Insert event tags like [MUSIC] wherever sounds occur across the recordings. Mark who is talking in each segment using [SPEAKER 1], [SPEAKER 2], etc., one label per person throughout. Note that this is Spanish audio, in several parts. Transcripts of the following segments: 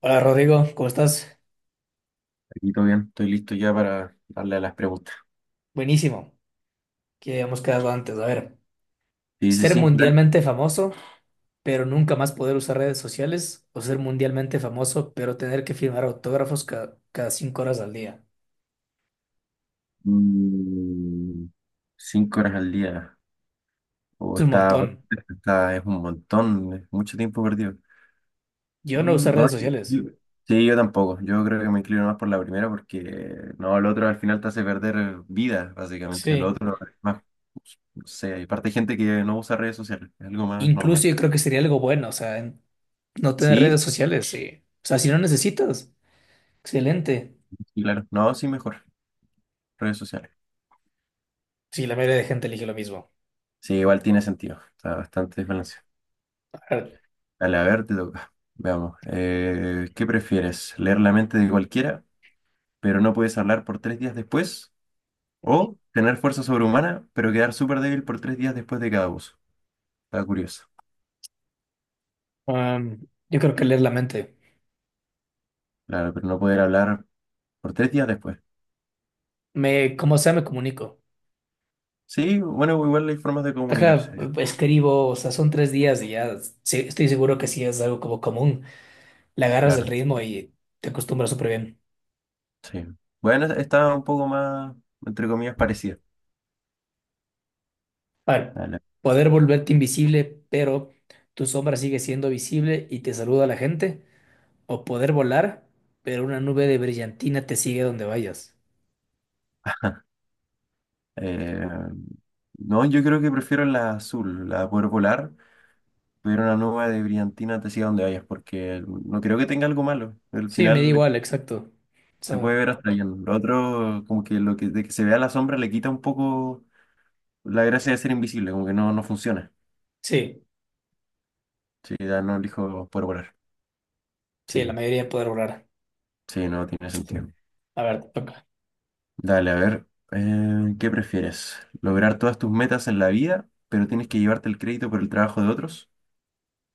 [SPEAKER 1] Hola Rodrigo, ¿cómo estás?
[SPEAKER 2] Aquí todo bien, estoy listo ya para darle a las preguntas.
[SPEAKER 1] Buenísimo, que habíamos quedado antes. A ver,
[SPEAKER 2] Sí, sí,
[SPEAKER 1] ser
[SPEAKER 2] sí, dale.
[SPEAKER 1] mundialmente famoso, pero nunca más poder usar redes sociales, o ser mundialmente famoso, pero tener que firmar autógrafos cada 5 horas al día.
[SPEAKER 2] Mm, cinco horas al día.
[SPEAKER 1] Es
[SPEAKER 2] O
[SPEAKER 1] un
[SPEAKER 2] está,
[SPEAKER 1] montón.
[SPEAKER 2] es un montón, es mucho tiempo perdido.
[SPEAKER 1] Yo no uso
[SPEAKER 2] Mm, no,
[SPEAKER 1] redes sociales.
[SPEAKER 2] yo- sí, yo tampoco. Yo creo que me inclino más por la primera porque no, el otro al final te hace perder vida, básicamente. El
[SPEAKER 1] Sí.
[SPEAKER 2] otro es más, no sé, y aparte hay gente que no usa redes sociales, es algo más
[SPEAKER 1] Incluso
[SPEAKER 2] normal.
[SPEAKER 1] yo creo que sería algo bueno, o sea, no tener
[SPEAKER 2] Sí,
[SPEAKER 1] redes
[SPEAKER 2] sí,
[SPEAKER 1] sociales, sí. O sea, si no necesitas, excelente.
[SPEAKER 2] sí, claro. No, sí, mejor. Redes sociales.
[SPEAKER 1] Sí, la mayoría de gente elige lo mismo.
[SPEAKER 2] Sí, igual tiene sentido. Está bastante desbalanceado.
[SPEAKER 1] A ver,
[SPEAKER 2] Dale, a ver, te toca. Veamos. ¿Qué prefieres? ¿Leer la mente de cualquiera, pero no puedes hablar por tres días después? ¿O tener fuerza sobrehumana, pero quedar súper débil por tres días después de cada uso? Está curioso.
[SPEAKER 1] um, yo creo que leer la mente.
[SPEAKER 2] Claro, pero no poder hablar por tres días después.
[SPEAKER 1] Como sea, me comunico.
[SPEAKER 2] Sí, bueno, igual hay formas de
[SPEAKER 1] Ajá,
[SPEAKER 2] comunicarse.
[SPEAKER 1] escribo, o sea, son 3 días y ya sí, estoy seguro que sí es algo como común. Le agarras el
[SPEAKER 2] Claro,
[SPEAKER 1] ritmo y te acostumbras súper bien.
[SPEAKER 2] sí. Bueno, está un poco más, entre comillas, parecida.
[SPEAKER 1] Para
[SPEAKER 2] Dale.
[SPEAKER 1] poder volverte invisible, pero tu sombra sigue siendo visible y te saluda a la gente. O poder volar, pero una nube de brillantina te sigue donde vayas.
[SPEAKER 2] Eh, no, yo creo que prefiero la azul, la de poder volar, tuviera una nube de brillantina te siga donde vayas, porque no creo que tenga algo malo. Al
[SPEAKER 1] Sí, me da
[SPEAKER 2] final
[SPEAKER 1] igual, exacto. O
[SPEAKER 2] se puede
[SPEAKER 1] sea,
[SPEAKER 2] ver hasta bien. Lo otro, como que lo que, de que se vea la sombra le quita un poco la gracia de ser invisible, como que no, no funciona.
[SPEAKER 1] sí,
[SPEAKER 2] Sí, ya no elijo por volar.
[SPEAKER 1] sí, la
[SPEAKER 2] Sí,
[SPEAKER 1] mayoría poder volar.
[SPEAKER 2] sí, no tiene sentido.
[SPEAKER 1] A ver, te toca.
[SPEAKER 2] Dale, a ver, ¿qué prefieres? ¿Lograr todas tus metas en la vida, pero tienes que llevarte el crédito por el trabajo de otros?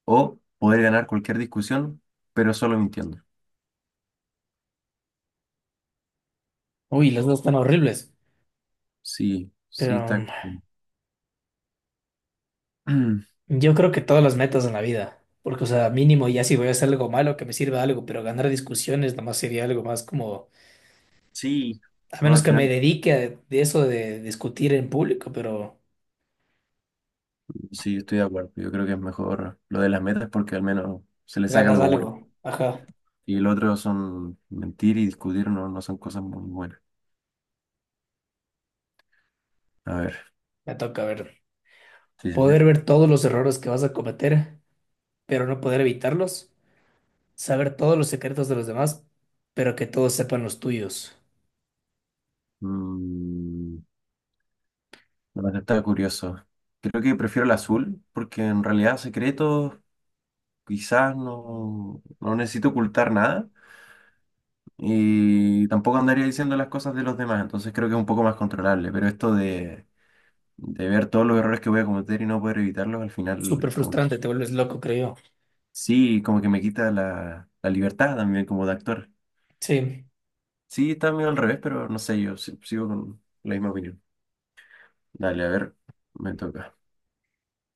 [SPEAKER 2] ¿O poder ganar cualquier discusión, pero solo mintiendo?
[SPEAKER 1] Uy, las dos están horribles.
[SPEAKER 2] Sí, sí,
[SPEAKER 1] Pero
[SPEAKER 2] está. [CLEARS THROAT]
[SPEAKER 1] yo creo que todas las metas en la vida, porque, o sea, mínimo ya si voy a hacer algo malo, que me sirva algo, pero ganar discusiones nomás sería algo más como,
[SPEAKER 2] Sí,
[SPEAKER 1] a
[SPEAKER 2] no,
[SPEAKER 1] menos
[SPEAKER 2] al
[SPEAKER 1] que me
[SPEAKER 2] final.
[SPEAKER 1] dedique a de eso de discutir en público, pero
[SPEAKER 2] Sí, estoy de acuerdo. Yo creo que es mejor lo de las metas porque al menos se le saca
[SPEAKER 1] ganas
[SPEAKER 2] algo bueno.
[SPEAKER 1] algo. Ajá,
[SPEAKER 2] Y el otro son mentir y discutir, no, no son cosas muy buenas. A ver,
[SPEAKER 1] me toca ver.
[SPEAKER 2] sí, sí,
[SPEAKER 1] Poder
[SPEAKER 2] sí.
[SPEAKER 1] ver todos los errores que vas a cometer, pero no poder evitarlos. Saber todos los secretos de los demás, pero que todos sepan los tuyos.
[SPEAKER 2] Mm, bueno, está curioso. Creo que prefiero el azul porque en realidad secretos quizás no, no necesito ocultar nada y tampoco andaría diciendo las cosas de los demás, entonces creo que es un poco más controlable. Pero esto de ver todos los errores que voy a cometer y no poder evitarlos, al
[SPEAKER 1] Súper
[SPEAKER 2] final como.
[SPEAKER 1] frustrante, te vuelves loco, creo yo.
[SPEAKER 2] Sí, como que me quita la libertad también como de actor.
[SPEAKER 1] Sí,
[SPEAKER 2] Sí, está medio al revés, pero no sé, yo si- sigo con la misma opinión. Dale, a ver, me toca.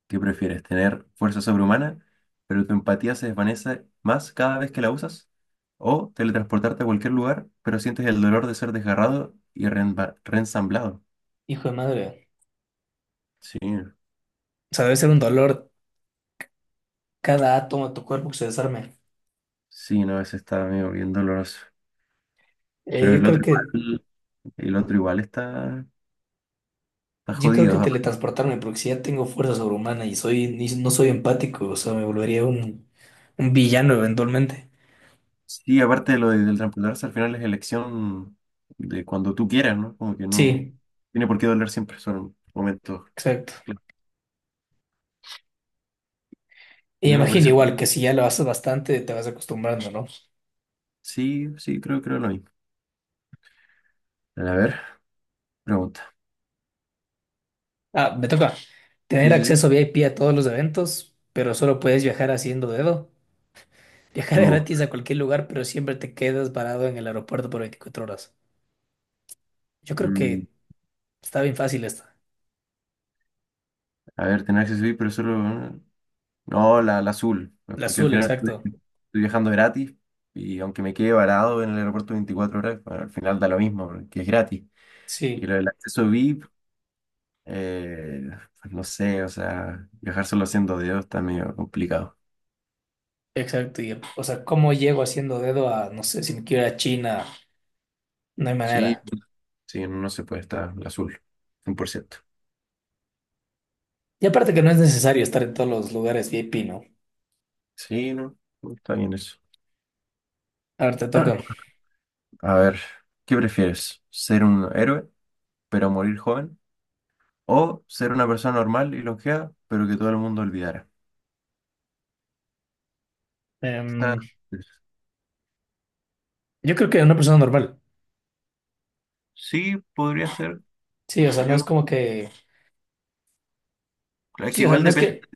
[SPEAKER 2] ¿Qué prefieres? ¿Tener fuerza sobrehumana, pero tu empatía se desvanece más cada vez que la usas? ¿O teletransportarte a cualquier lugar, pero sientes el dolor de ser desgarrado y reensamblado?
[SPEAKER 1] hijo de madre.
[SPEAKER 2] Sí,
[SPEAKER 1] O sea, debe ser un dolor cada átomo de tu cuerpo que se desarme.
[SPEAKER 2] sí, no, ese está medio bien doloroso.
[SPEAKER 1] Eh,
[SPEAKER 2] Pero
[SPEAKER 1] yo creo que
[SPEAKER 2] el otro igual está, está
[SPEAKER 1] Yo creo que
[SPEAKER 2] jodido.
[SPEAKER 1] teletransportarme, porque si ya tengo fuerza sobrehumana y soy, no soy empático, o sea, me volvería un villano eventualmente.
[SPEAKER 2] Sí, aparte del reemplazo, al final es elección de cuando tú quieras, ¿no? Como que no
[SPEAKER 1] Sí,
[SPEAKER 2] tiene por qué doler siempre, son momentos.
[SPEAKER 1] exacto.
[SPEAKER 2] Clave.
[SPEAKER 1] Y
[SPEAKER 2] Me
[SPEAKER 1] imagino
[SPEAKER 2] parece,
[SPEAKER 1] igual que si ya lo haces bastante, te vas acostumbrando, ¿no?
[SPEAKER 2] sí, sí, creo, creo lo mismo. A ver, pregunta.
[SPEAKER 1] Ah, me toca
[SPEAKER 2] Sí,
[SPEAKER 1] tener
[SPEAKER 2] sí, sí.
[SPEAKER 1] acceso VIP a todos los eventos, pero solo puedes viajar haciendo dedo. Viajar [LAUGHS]
[SPEAKER 2] Luego,
[SPEAKER 1] gratis a cualquier lugar, pero siempre te quedas parado en el aeropuerto por 24 horas. Yo creo
[SPEAKER 2] mm,
[SPEAKER 1] que está bien fácil esta.
[SPEAKER 2] a ver, tener acceso VIP, pero solo. No, la azul, pues,
[SPEAKER 1] La
[SPEAKER 2] porque al
[SPEAKER 1] azul,
[SPEAKER 2] final estoy
[SPEAKER 1] exacto.
[SPEAKER 2] estoy viajando gratis y aunque me quede varado en el aeropuerto 24 horas, bueno, al final da lo mismo, porque es gratis. Y
[SPEAKER 1] Sí.
[SPEAKER 2] lo del acceso VIP. Eh, pues no sé, o sea, viajar solo siendo Dios está medio complicado.
[SPEAKER 1] Exacto, y, o sea, ¿cómo llego haciendo dedo a, no sé, si me quiero ir a China? No hay
[SPEAKER 2] Sí,
[SPEAKER 1] manera.
[SPEAKER 2] sí, no se puede estar al azul, cien por ciento.
[SPEAKER 1] Y aparte que no es necesario estar en todos los lugares VIP, ¿no?
[SPEAKER 2] Sí, no, no, está bien eso.
[SPEAKER 1] A ver, te toca.
[SPEAKER 2] [CLEARS THROAT] A ver, ¿qué prefieres? ¿Ser un héroe, pero morir joven? ¿O ser una persona normal y longeva, pero que todo el mundo olvidara? Está-
[SPEAKER 1] Em, yo creo que una persona normal.
[SPEAKER 2] Sí, podría ser.
[SPEAKER 1] Sí, o sea, no es
[SPEAKER 2] Yo,
[SPEAKER 1] como que...
[SPEAKER 2] es que
[SPEAKER 1] Sí, o sea,
[SPEAKER 2] igual
[SPEAKER 1] no es
[SPEAKER 2] depende,
[SPEAKER 1] que...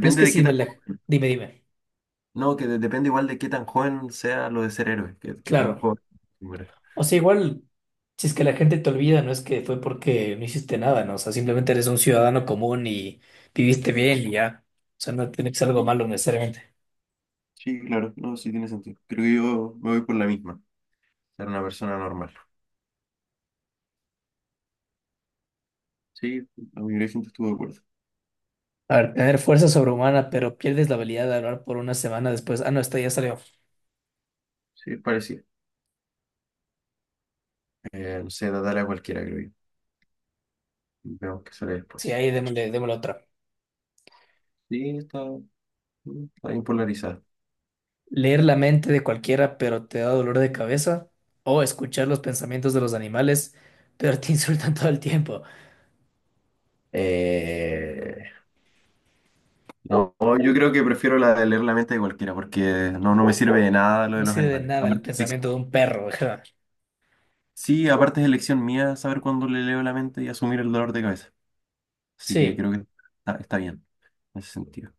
[SPEAKER 1] No es que
[SPEAKER 2] de qué
[SPEAKER 1] sí me
[SPEAKER 2] tan,
[SPEAKER 1] la... Dime, dime.
[SPEAKER 2] no, que depende igual de qué tan joven sea lo de ser héroe, que, qué tan
[SPEAKER 1] Claro.
[SPEAKER 2] joven muera.
[SPEAKER 1] O sea, igual, si es que la gente te olvida, no es que fue porque no hiciste nada, ¿no? O sea, simplemente eres un ciudadano común y viviste bien y ya. O sea, no tiene que ser algo malo necesariamente.
[SPEAKER 2] Sí, claro, no, sí tiene sentido. Creo que yo me voy por la misma, ser una persona normal. Sí, la mayoría de gente estuvo de acuerdo.
[SPEAKER 1] A ver, tener fuerza sobrehumana, pero pierdes la habilidad de hablar por una semana después. Ah, no, esta ya salió.
[SPEAKER 2] Sí, es parecido. No sé, tratar a cualquiera, creo yo. Vemos qué sale
[SPEAKER 1] Sí,
[SPEAKER 2] después.
[SPEAKER 1] ahí démosle otra.
[SPEAKER 2] Sí, está, está bien polarizada.
[SPEAKER 1] Leer la mente de cualquiera, pero te da dolor de cabeza. O escuchar los pensamientos de los animales, pero te [LAUGHS] insultan todo el tiempo.
[SPEAKER 2] Eh, no, yo creo que prefiero la de leer la mente de cualquiera, porque no, no me sirve de nada lo de
[SPEAKER 1] No
[SPEAKER 2] los
[SPEAKER 1] sirve de
[SPEAKER 2] animales.
[SPEAKER 1] nada el pensamiento de un perro. Ajá.
[SPEAKER 2] Sí, aparte es elección mía saber cuándo le leo la mente y asumir el dolor de cabeza. Así que
[SPEAKER 1] Sí.
[SPEAKER 2] creo que está, está bien en ese sentido.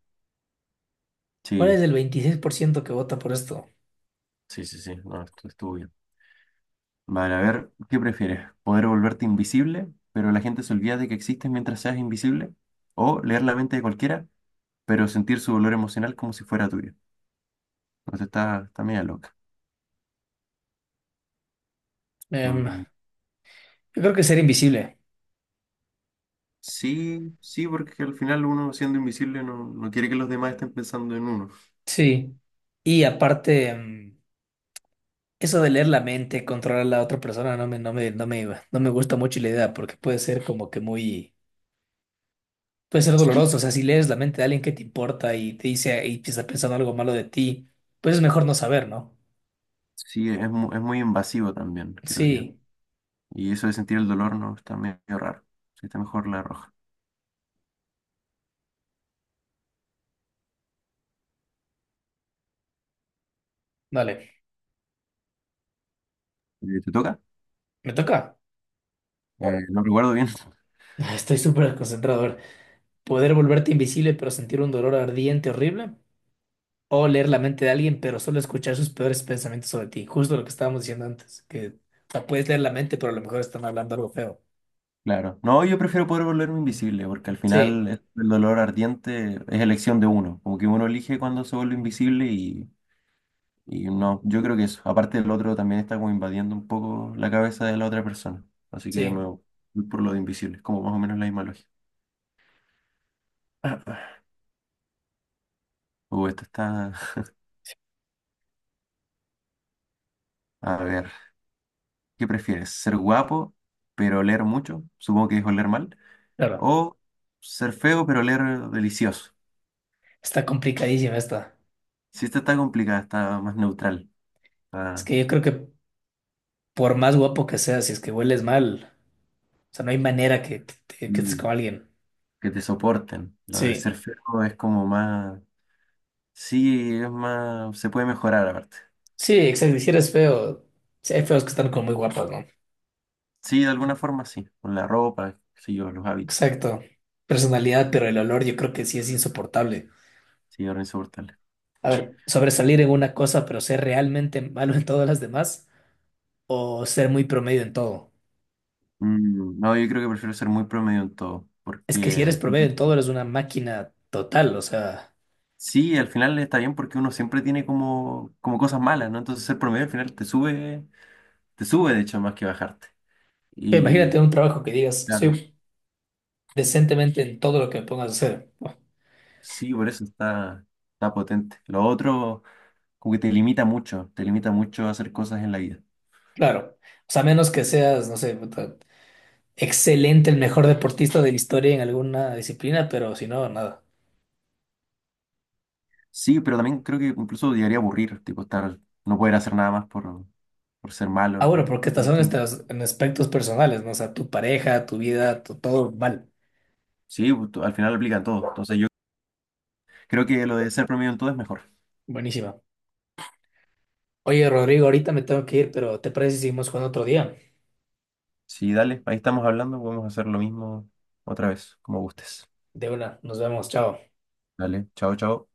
[SPEAKER 1] ¿Cuál
[SPEAKER 2] Sí,
[SPEAKER 1] es el 26% que vota por esto?
[SPEAKER 2] sí, sí, sí, no, esto estuvo bien. Vale, a ver, ¿qué prefieres? ¿Poder volverte invisible, pero la gente se olvida de que existes mientras seas invisible? ¿O leer la mente de cualquiera, pero sentir su dolor emocional como si fuera tuyo? Entonces está, está media loca.
[SPEAKER 1] Yo
[SPEAKER 2] Mm,
[SPEAKER 1] creo que ser invisible.
[SPEAKER 2] sí, sí, porque al final uno siendo invisible no, no quiere que los demás estén pensando en uno.
[SPEAKER 1] Sí. Y aparte, eso de leer la mente, controlar a la otra persona, no me gusta mucho la idea porque puede ser como que muy, puede ser
[SPEAKER 2] Sí,
[SPEAKER 1] doloroso. O sea, si lees la mente de alguien que te importa y te dice y te está pensando algo malo de ti, pues es mejor no saber, ¿no?
[SPEAKER 2] sí, es, es muy invasivo también, creo yo.
[SPEAKER 1] Sí,
[SPEAKER 2] Y eso de sentir el dolor no está medio raro. Sí, está mejor la roja.
[SPEAKER 1] dale,
[SPEAKER 2] ¿Te toca?
[SPEAKER 1] me toca.
[SPEAKER 2] No recuerdo bien.
[SPEAKER 1] [LAUGHS] Estoy súper concentrado. A ver, poder volverte invisible pero sentir un dolor ardiente, horrible. O leer la mente de alguien pero solo escuchar sus peores pensamientos sobre ti. Justo lo que estábamos diciendo antes, que o sea, puedes leer la mente pero a lo mejor están hablando algo feo.
[SPEAKER 2] Claro. No, yo prefiero poder volverme invisible, porque al
[SPEAKER 1] Sí,
[SPEAKER 2] final el dolor ardiente es elección de uno. Como que uno elige cuando se vuelve invisible y no, yo creo que eso. Aparte el otro también está como invadiendo un poco la cabeza de la otra persona. Así que me
[SPEAKER 1] sí.
[SPEAKER 2] voy por lo de invisible, es como más o menos la misma lógica. [LAUGHS] Esto está... A ver, ¿qué prefieres? ¿Ser guapo, pero oler mucho? Supongo que es oler mal.
[SPEAKER 1] Claro.
[SPEAKER 2] ¿O ser feo, pero oler delicioso?
[SPEAKER 1] Está complicadísima esta.
[SPEAKER 2] Si esta está complicada, está más neutral.
[SPEAKER 1] Es
[SPEAKER 2] Está-
[SPEAKER 1] que yo creo que por más guapo que seas, si es que hueles mal, o sea, no hay manera que estés con alguien.
[SPEAKER 2] que te soporten. Lo de
[SPEAKER 1] Sí,
[SPEAKER 2] ser feo es como más, sí, es más, se puede mejorar aparte.
[SPEAKER 1] sí, exacto. Y si eres feo, sí, hay feos que están como muy guapos, ¿no?
[SPEAKER 2] Sí, de alguna forma sí, con la ropa, sí, yo, los hábitos,
[SPEAKER 1] Exacto. Personalidad, pero el olor yo creo que sí es insoportable.
[SPEAKER 2] sí, ahora insoportable.
[SPEAKER 1] A ver, sobresalir en una cosa, pero ser realmente malo en todas las demás, o ser muy promedio en todo.
[SPEAKER 2] Mm, no, yo creo que prefiero ser muy promedio en todo,
[SPEAKER 1] Es que
[SPEAKER 2] porque
[SPEAKER 1] si eres promedio en todo, eres una máquina total, o sea,
[SPEAKER 2] sí, al final está bien porque uno siempre tiene como, como cosas malas, ¿no? Entonces ser promedio al final te sube de hecho más que bajarte.
[SPEAKER 1] ve, imagínate
[SPEAKER 2] Y
[SPEAKER 1] un trabajo que digas,
[SPEAKER 2] claro,
[SPEAKER 1] soy decentemente en todo lo que me pongas a hacer.
[SPEAKER 2] sí, por eso está, está potente. Lo otro, como que te limita mucho a hacer cosas en la vida.
[SPEAKER 1] Claro, o sea, a menos que seas, no sé, puta, excelente, el mejor deportista de la historia en alguna disciplina, pero si no, nada.
[SPEAKER 2] Sí, pero también creo que incluso llegaría a aburrir, tipo estar, no poder hacer nada más por ser
[SPEAKER 1] Ah,
[SPEAKER 2] malo,
[SPEAKER 1] bueno,
[SPEAKER 2] ¿no?
[SPEAKER 1] porque
[SPEAKER 2] Yo
[SPEAKER 1] estas son
[SPEAKER 2] estoy,
[SPEAKER 1] estas en aspectos personales, ¿no? O sea, tu pareja, tu vida, todo mal.
[SPEAKER 2] sí, pues, al final lo aplican todo. Entonces yo creo que lo de ser promedio en todo es mejor.
[SPEAKER 1] Buenísima. Oye, Rodrigo, ahorita me tengo que ir, pero ¿te parece si seguimos jugando otro día?
[SPEAKER 2] Sí, dale, ahí estamos hablando, podemos hacer lo mismo otra vez, como gustes.
[SPEAKER 1] De una, nos vemos, chao.
[SPEAKER 2] Dale, chao, chao.